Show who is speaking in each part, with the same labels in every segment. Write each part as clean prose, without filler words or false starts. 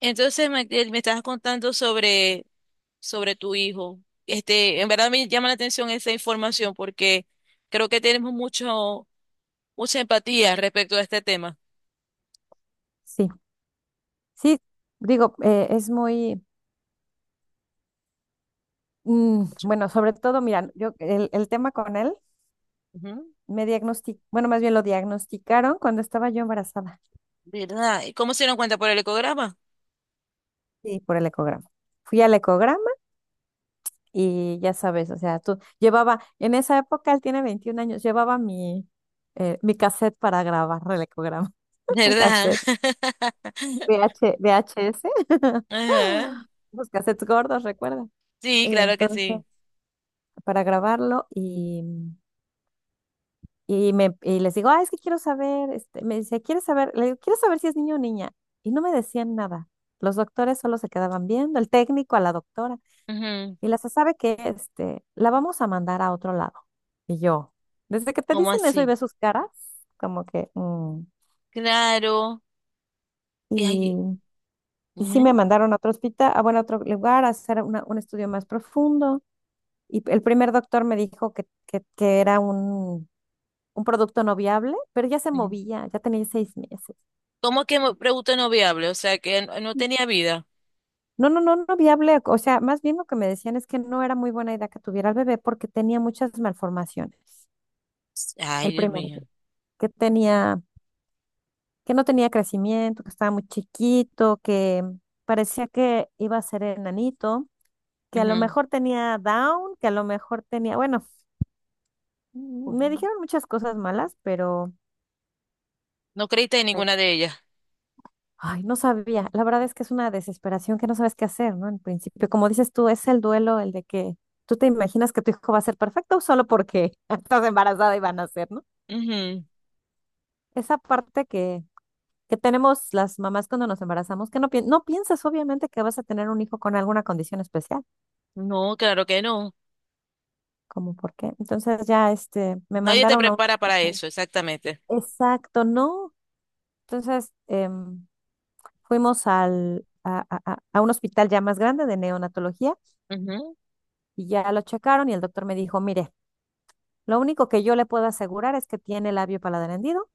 Speaker 1: Entonces me estabas contando sobre tu hijo. Este, en verdad me llama la atención esa información porque creo que tenemos mucho, mucha empatía respecto a este tema.
Speaker 2: Sí, sí, digo, es muy,
Speaker 1: Mucho.
Speaker 2: bueno, sobre todo, mira, yo el tema con él
Speaker 1: Ujú.
Speaker 2: me diagnosticaron, bueno, más bien lo diagnosticaron cuando estaba yo embarazada,
Speaker 1: ¿Verdad? ¿Y cómo se dieron cuenta por el ecograma?
Speaker 2: sí, por el ecograma. Fui al ecograma y ya sabes, o sea, tú llevaba, en esa época él tiene 21 años, llevaba mi cassette para grabar el ecograma, un
Speaker 1: ¿Verdad?
Speaker 2: cassette VH, VHS,
Speaker 1: Ajá.
Speaker 2: los cassettes gordos, recuerda.
Speaker 1: Sí, claro que
Speaker 2: Entonces,
Speaker 1: sí.
Speaker 2: para grabarlo y les digo, ah, es que quiero saber, este, me dice, ¿quieres saber? Le digo, quiero saber si es niño o niña. Y no me decían nada. Los doctores solo se quedaban viendo, el técnico a la doctora.
Speaker 1: Ujú.
Speaker 2: Y la sabe que este, la vamos a mandar a otro lado. Y yo, desde que te
Speaker 1: ¿Cómo
Speaker 2: dicen eso y
Speaker 1: así?
Speaker 2: ves sus caras, como que.
Speaker 1: Claro. Y ahí-
Speaker 2: Y, y sí me
Speaker 1: ujú,
Speaker 2: mandaron a otro hospital, a, bueno, a otro lugar, a hacer un estudio más profundo. Y el primer doctor me dijo que era un producto no viable, pero ya se
Speaker 1: ujú.
Speaker 2: movía, ya tenía 6 meses.
Speaker 1: ¿Cómo que pregunta no viable? O sea, que no tenía vida.
Speaker 2: No, no, no, no viable. O sea, más bien lo que me decían es que no era muy buena idea que tuviera el bebé porque tenía muchas malformaciones.
Speaker 1: Ay,
Speaker 2: El
Speaker 1: Dios
Speaker 2: primer bebé,
Speaker 1: mío.
Speaker 2: que tenía, que no tenía crecimiento, que estaba muy chiquito, que parecía que iba a ser enanito, que a lo mejor tenía Down, que a lo mejor tenía, bueno, me
Speaker 1: Ujú.
Speaker 2: dijeron muchas cosas malas, pero
Speaker 1: No creíste en
Speaker 2: pues,
Speaker 1: ninguna de ellas.
Speaker 2: ay, no sabía. La verdad es que es una desesperación que no sabes qué hacer, ¿no? En principio, como dices tú, es el duelo el de que tú te imaginas que tu hijo va a ser perfecto solo porque estás embarazada y van a ser, ¿no?
Speaker 1: Ujú.
Speaker 2: Esa parte que tenemos las mamás cuando nos embarazamos, que no, no piensas obviamente que vas a tener un hijo con alguna condición especial,
Speaker 1: No, claro que no.
Speaker 2: como por qué. Entonces ya este, me
Speaker 1: Nadie te
Speaker 2: mandaron a un
Speaker 1: prepara para
Speaker 2: hospital.
Speaker 1: eso, exactamente.
Speaker 2: Exacto, ¿no? Entonces fuimos al, a un hospital ya más grande de neonatología.
Speaker 1: Ujú.
Speaker 2: Y ya lo checaron y el doctor me dijo, mire, lo único que yo le puedo asegurar es que tiene labio paladar hendido,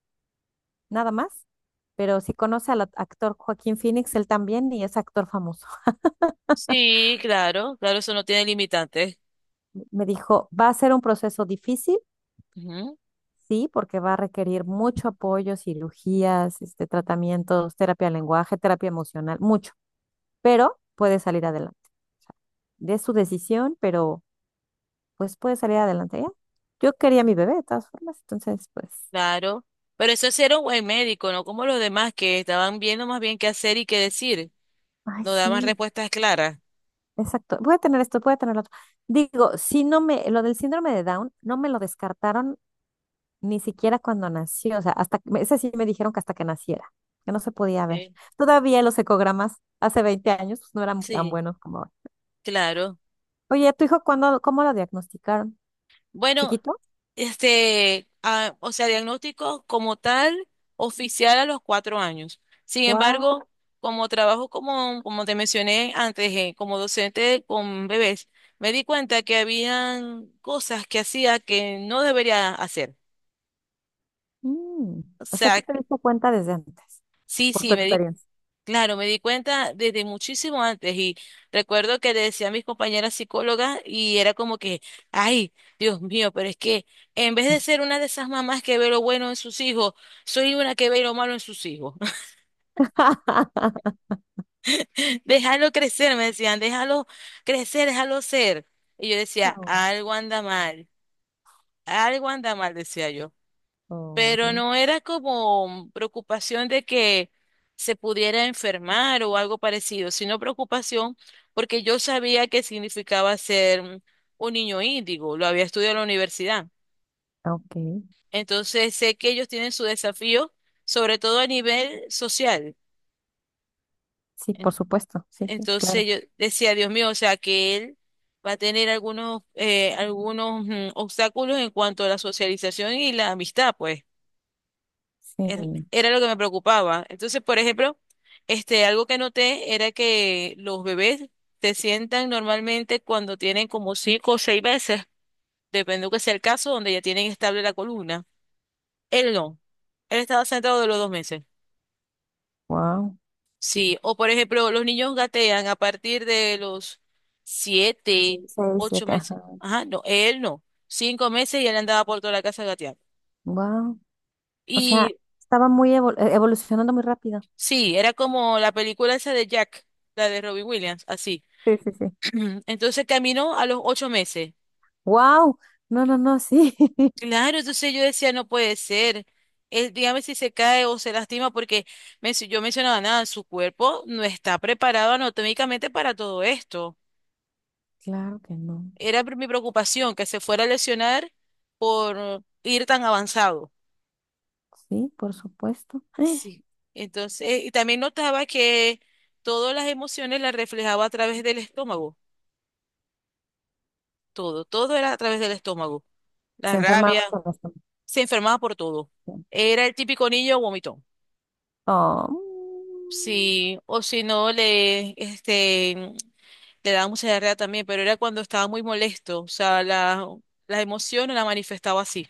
Speaker 2: nada más. Pero si conoce al actor Joaquín Phoenix, él también y es actor famoso.
Speaker 1: Sí, claro, claro, eso no tiene limitantes.
Speaker 2: Me dijo, va a ser un proceso difícil,
Speaker 1: Ujú,
Speaker 2: sí, porque va a requerir mucho apoyo, cirugías, este, tratamientos, terapia de lenguaje, terapia emocional, mucho, pero puede salir adelante. O sea, de su decisión, pero pues puede salir adelante ya. Yo quería a mi bebé de todas formas, entonces pues,
Speaker 1: claro. Pero eso sí era un buen médico, no como los demás que estaban viendo más bien qué hacer y qué decir.
Speaker 2: ay,
Speaker 1: No daban
Speaker 2: sí.
Speaker 1: respuestas claras.
Speaker 2: Exacto, voy a tener esto, voy a tener lo otro. Digo, si no me, lo del síndrome de Down, no me lo descartaron ni siquiera cuando nací, o sea, hasta, ese sí me dijeron que hasta que naciera, que no se podía ver.
Speaker 1: Sí.
Speaker 2: Todavía los ecogramas hace 20 años pues, no eran tan
Speaker 1: Sí,
Speaker 2: buenos como ahora.
Speaker 1: claro.
Speaker 2: Oye, ¿tu hijo cuándo, cómo lo diagnosticaron?
Speaker 1: Bueno,
Speaker 2: ¿Chiquito?
Speaker 1: este, o sea, diagnóstico como tal, oficial a los 4 años. Sin
Speaker 2: Wow.
Speaker 1: embargo, como trabajo, como te mencioné antes, como docente con bebés, me di cuenta que habían cosas que hacía que no debería hacer.
Speaker 2: Mm.
Speaker 1: O
Speaker 2: O sea,
Speaker 1: sea.
Speaker 2: tú te diste cuenta desde antes,
Speaker 1: Sí,
Speaker 2: por
Speaker 1: sí,
Speaker 2: tu
Speaker 1: me di,
Speaker 2: experiencia.
Speaker 1: claro, me di cuenta desde muchísimo antes y recuerdo que le decía a mis compañeras psicólogas y era como que, ay, Dios mío, pero es que en vez de ser una de esas mamás que ve lo bueno en sus hijos, soy una que ve lo malo en sus hijos. Déjalo crecer, me decían, déjalo crecer, déjalo ser. Y yo decía,
Speaker 2: Oh,
Speaker 1: algo anda mal, decía yo.
Speaker 2: oh,
Speaker 1: Pero no era como preocupación de que se pudiera enfermar o algo parecido, sino preocupación porque yo sabía que significaba ser un niño índigo, lo había estudiado en la universidad.
Speaker 2: ok,
Speaker 1: Entonces sé que ellos tienen su desafío, sobre todo a nivel social.
Speaker 2: sí,
Speaker 1: En-
Speaker 2: por supuesto, sí, sí, claro,
Speaker 1: Entonces yo decía, Dios mío, o sea que él va a tener algunos, obstáculos en cuanto a la socialización y la amistad, pues.
Speaker 2: sí,
Speaker 1: Era lo que me preocupaba. Entonces, por ejemplo, este, algo que noté era que los bebés se sientan normalmente cuando tienen como cinco o seis veces, dependiendo que sea el caso, donde ya tienen estable la columna. Él no. Él estaba sentado de los 2 meses.
Speaker 2: wow.
Speaker 1: Sí. O por ejemplo, los niños gatean a partir de los siete,
Speaker 2: Seis,
Speaker 1: ocho
Speaker 2: siete,
Speaker 1: meses.
Speaker 2: ajá.
Speaker 1: Ajá, no, él no. 5 meses y él andaba por toda la casa gateando.
Speaker 2: Wow. O sea,
Speaker 1: Y
Speaker 2: estaba muy evolucionando muy rápido.
Speaker 1: sí, era como la película esa de Jack, la de Robin Williams, así.
Speaker 2: Sí, sí, sí.
Speaker 1: Entonces caminó a los 8 meses.
Speaker 2: Wow. No, no, no, sí.
Speaker 1: Claro, entonces yo decía, no puede ser. Él, dígame si se cae o se lastima, porque yo mencionaba nada, su cuerpo no está preparado anatómicamente para todo esto.
Speaker 2: Claro que no.
Speaker 1: Era mi preocupación que se fuera a lesionar por ir tan avanzado.
Speaker 2: Sí, por supuesto.
Speaker 1: Sí. Entonces, y también notaba que todas las emociones las reflejaba a través del estómago. Todo, todo era a través del estómago. La
Speaker 2: Se enferma
Speaker 1: rabia,
Speaker 2: mucho la estómago.
Speaker 1: se enfermaba por todo. Era el típico niño vomitón.
Speaker 2: Oh. Mm.
Speaker 1: Sí, o si no le, este, le daba mucha diarrea también, pero era cuando estaba muy molesto, o sea, la emoción la manifestaba así,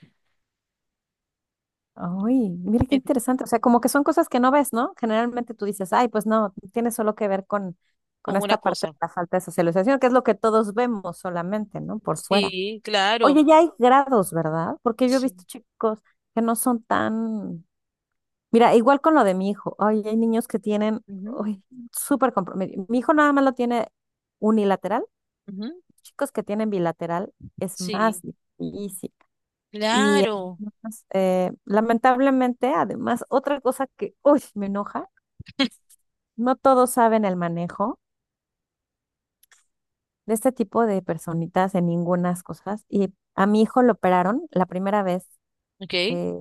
Speaker 2: Ay, mira qué
Speaker 1: eh,
Speaker 2: interesante. O sea, como que son cosas que no ves, ¿no? Generalmente tú dices, ay, pues no, tiene solo que ver con
Speaker 1: con una
Speaker 2: esta parte
Speaker 1: cosa.
Speaker 2: de la falta de socialización, que es lo que todos vemos solamente, ¿no? Por fuera.
Speaker 1: Sí, claro.
Speaker 2: Oye, ya hay grados, ¿verdad? Porque yo he visto
Speaker 1: Sí,
Speaker 2: chicos que no son tan... Mira, igual con lo de mi hijo. Ay, hay niños que tienen
Speaker 1: ujú,
Speaker 2: ay, súper comprometido. Mi hijo nada más lo tiene unilateral.
Speaker 1: ujú,
Speaker 2: Chicos que tienen bilateral es más
Speaker 1: sí,
Speaker 2: difícil. Y
Speaker 1: claro,
Speaker 2: además, lamentablemente, además, otra cosa que, uy, me enoja, no todos saben el manejo de este tipo de personitas en ningunas cosas. Y a mi hijo lo operaron la primera vez.
Speaker 1: ok,
Speaker 2: eh,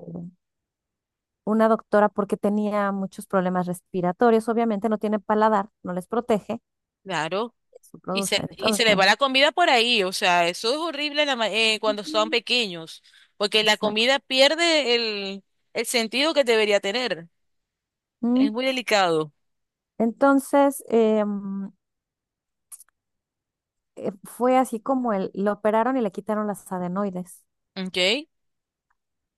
Speaker 2: una doctora porque tenía muchos problemas respiratorios, obviamente no tiene paladar, no les protege,
Speaker 1: claro.
Speaker 2: eso
Speaker 1: Y se,
Speaker 2: produce.
Speaker 1: y se les va la
Speaker 2: Entonces,
Speaker 1: comida por ahí, o sea, eso es horrible en la cuando son
Speaker 2: Mm.
Speaker 1: pequeños, porque la
Speaker 2: Exacto.
Speaker 1: comida pierde el sentido que debería tener,
Speaker 2: Mm.
Speaker 1: es muy delicado,
Speaker 2: Entonces, fue así como él, lo operaron y le quitaron las adenoides.
Speaker 1: ok,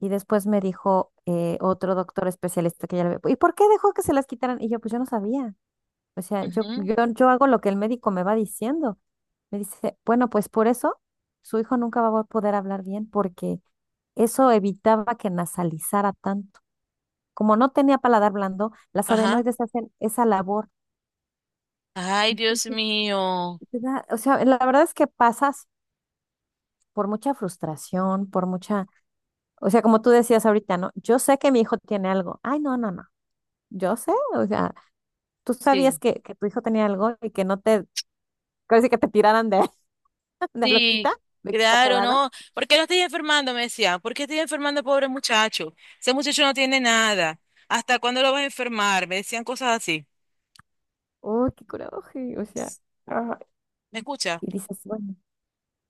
Speaker 2: Y después me dijo otro doctor especialista que ya le había... ¿Y por qué dejó que se las quitaran? Y yo, pues yo no sabía. O sea, yo,
Speaker 1: ujú,
Speaker 2: yo, yo hago lo que el médico me va diciendo. Me dice, bueno, pues por eso su hijo nunca va a poder hablar bien porque eso evitaba que nasalizara tanto. Como no tenía paladar blando, las
Speaker 1: ajá.
Speaker 2: adenoides hacen esa labor.
Speaker 1: Ay, Dios
Speaker 2: Entonces,
Speaker 1: mío.
Speaker 2: te o sea, la verdad es que pasas por mucha frustración, por mucha, o sea, como tú decías ahorita, ¿no? Yo sé que mi hijo tiene algo. Ay, no, no, no. Yo sé, o sea, tú sabías
Speaker 1: Sí,
Speaker 2: que tu hijo tenía algo y que no te, casi que te tiraran de, de
Speaker 1: sí,
Speaker 2: loquita, de
Speaker 1: claro,
Speaker 2: exagerada.
Speaker 1: ¿no? ¿Por qué no estoy enfermando? Me decía. ¿Por qué estoy enfermando, pobre muchacho? Ese muchacho no tiene nada. ¿Hasta cuándo lo vas a enfermar? Me decían cosas así.
Speaker 2: Oh, qué coraje. O sea, ah,
Speaker 1: ¿Me escucha?
Speaker 2: y dices, bueno,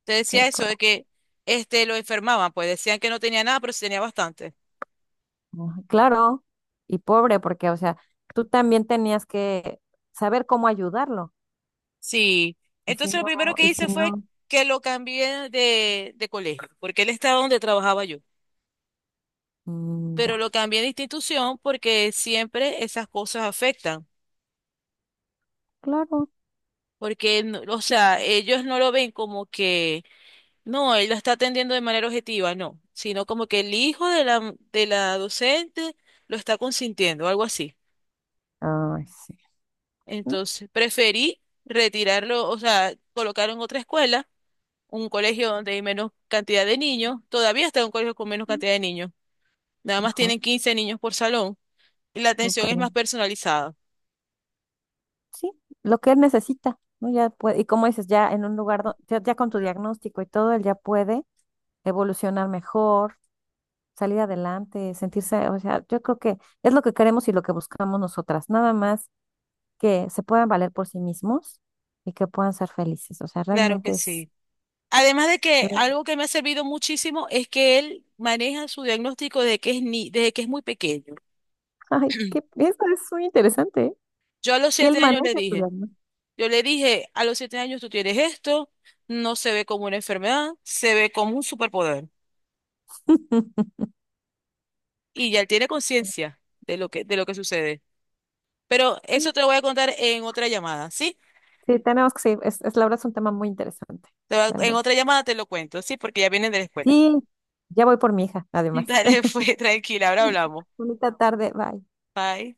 Speaker 1: Te decía
Speaker 2: qué
Speaker 1: eso de
Speaker 2: coraje.
Speaker 1: que este lo enfermaban, pues decían que no tenía nada, pero sí tenía bastante.
Speaker 2: Ajá, claro, y pobre, porque, o sea, tú también tenías que saber cómo ayudarlo.
Speaker 1: Sí.
Speaker 2: Y si
Speaker 1: Entonces lo
Speaker 2: no,
Speaker 1: primero que
Speaker 2: y si
Speaker 1: hice fue
Speaker 2: no,
Speaker 1: que lo cambié de colegio, porque él estaba donde trabajaba yo.
Speaker 2: mm,
Speaker 1: Pero
Speaker 2: ya,
Speaker 1: lo cambié de institución porque siempre esas cosas afectan.
Speaker 2: claro.
Speaker 1: Porque, o sea, ellos no lo ven como que, no, él la está atendiendo de manera objetiva, no, sino como que el hijo de la, docente lo está consintiendo, algo así.
Speaker 2: Ay, sí. No,
Speaker 1: Entonces, preferí retirarlo, o sea, colocar en otra escuela, un colegio donde hay menos cantidad de niños, todavía está en un colegio con menos
Speaker 2: mm,
Speaker 1: cantidad de niños, nada más
Speaker 2: mejor,
Speaker 1: tienen 15 niños por salón y la atención
Speaker 2: súper
Speaker 1: es más
Speaker 2: bien.
Speaker 1: personalizada.
Speaker 2: Sí, lo que él necesita, ¿no? Ya puede, y como dices, ya en un lugar, ya con tu diagnóstico y todo, él ya puede evolucionar mejor, salir adelante, sentirse, o sea, yo creo que es lo que queremos y lo que buscamos nosotras, nada más que se puedan valer por sí mismos y que puedan ser felices. O sea,
Speaker 1: Claro que
Speaker 2: realmente es,
Speaker 1: sí. Además de que
Speaker 2: yo,
Speaker 1: algo que me ha servido muchísimo es que él maneja su diagnóstico desde que es ni, desde que es muy pequeño.
Speaker 2: ay, que eso es muy interesante, ¿eh?
Speaker 1: Yo a los
Speaker 2: Que él
Speaker 1: 7 años le
Speaker 2: maneja tu
Speaker 1: dije,
Speaker 2: alma.
Speaker 1: yo le dije, a los 7 años tú tienes esto, no se ve como una enfermedad, se ve como un superpoder. Y ya él tiene conciencia de de lo que sucede. Pero eso te lo voy a contar en otra llamada, ¿sí?
Speaker 2: Sí, tenemos que seguir, es la verdad es un tema muy interesante,
Speaker 1: En
Speaker 2: realmente.
Speaker 1: otra llamada te lo cuento, ¿sí? Porque ya vienen de la escuela.
Speaker 2: Sí, ya voy por mi hija, además.
Speaker 1: Dale, fue tranquila, ahora hablamos.
Speaker 2: Bonita tarde, bye.
Speaker 1: Bye.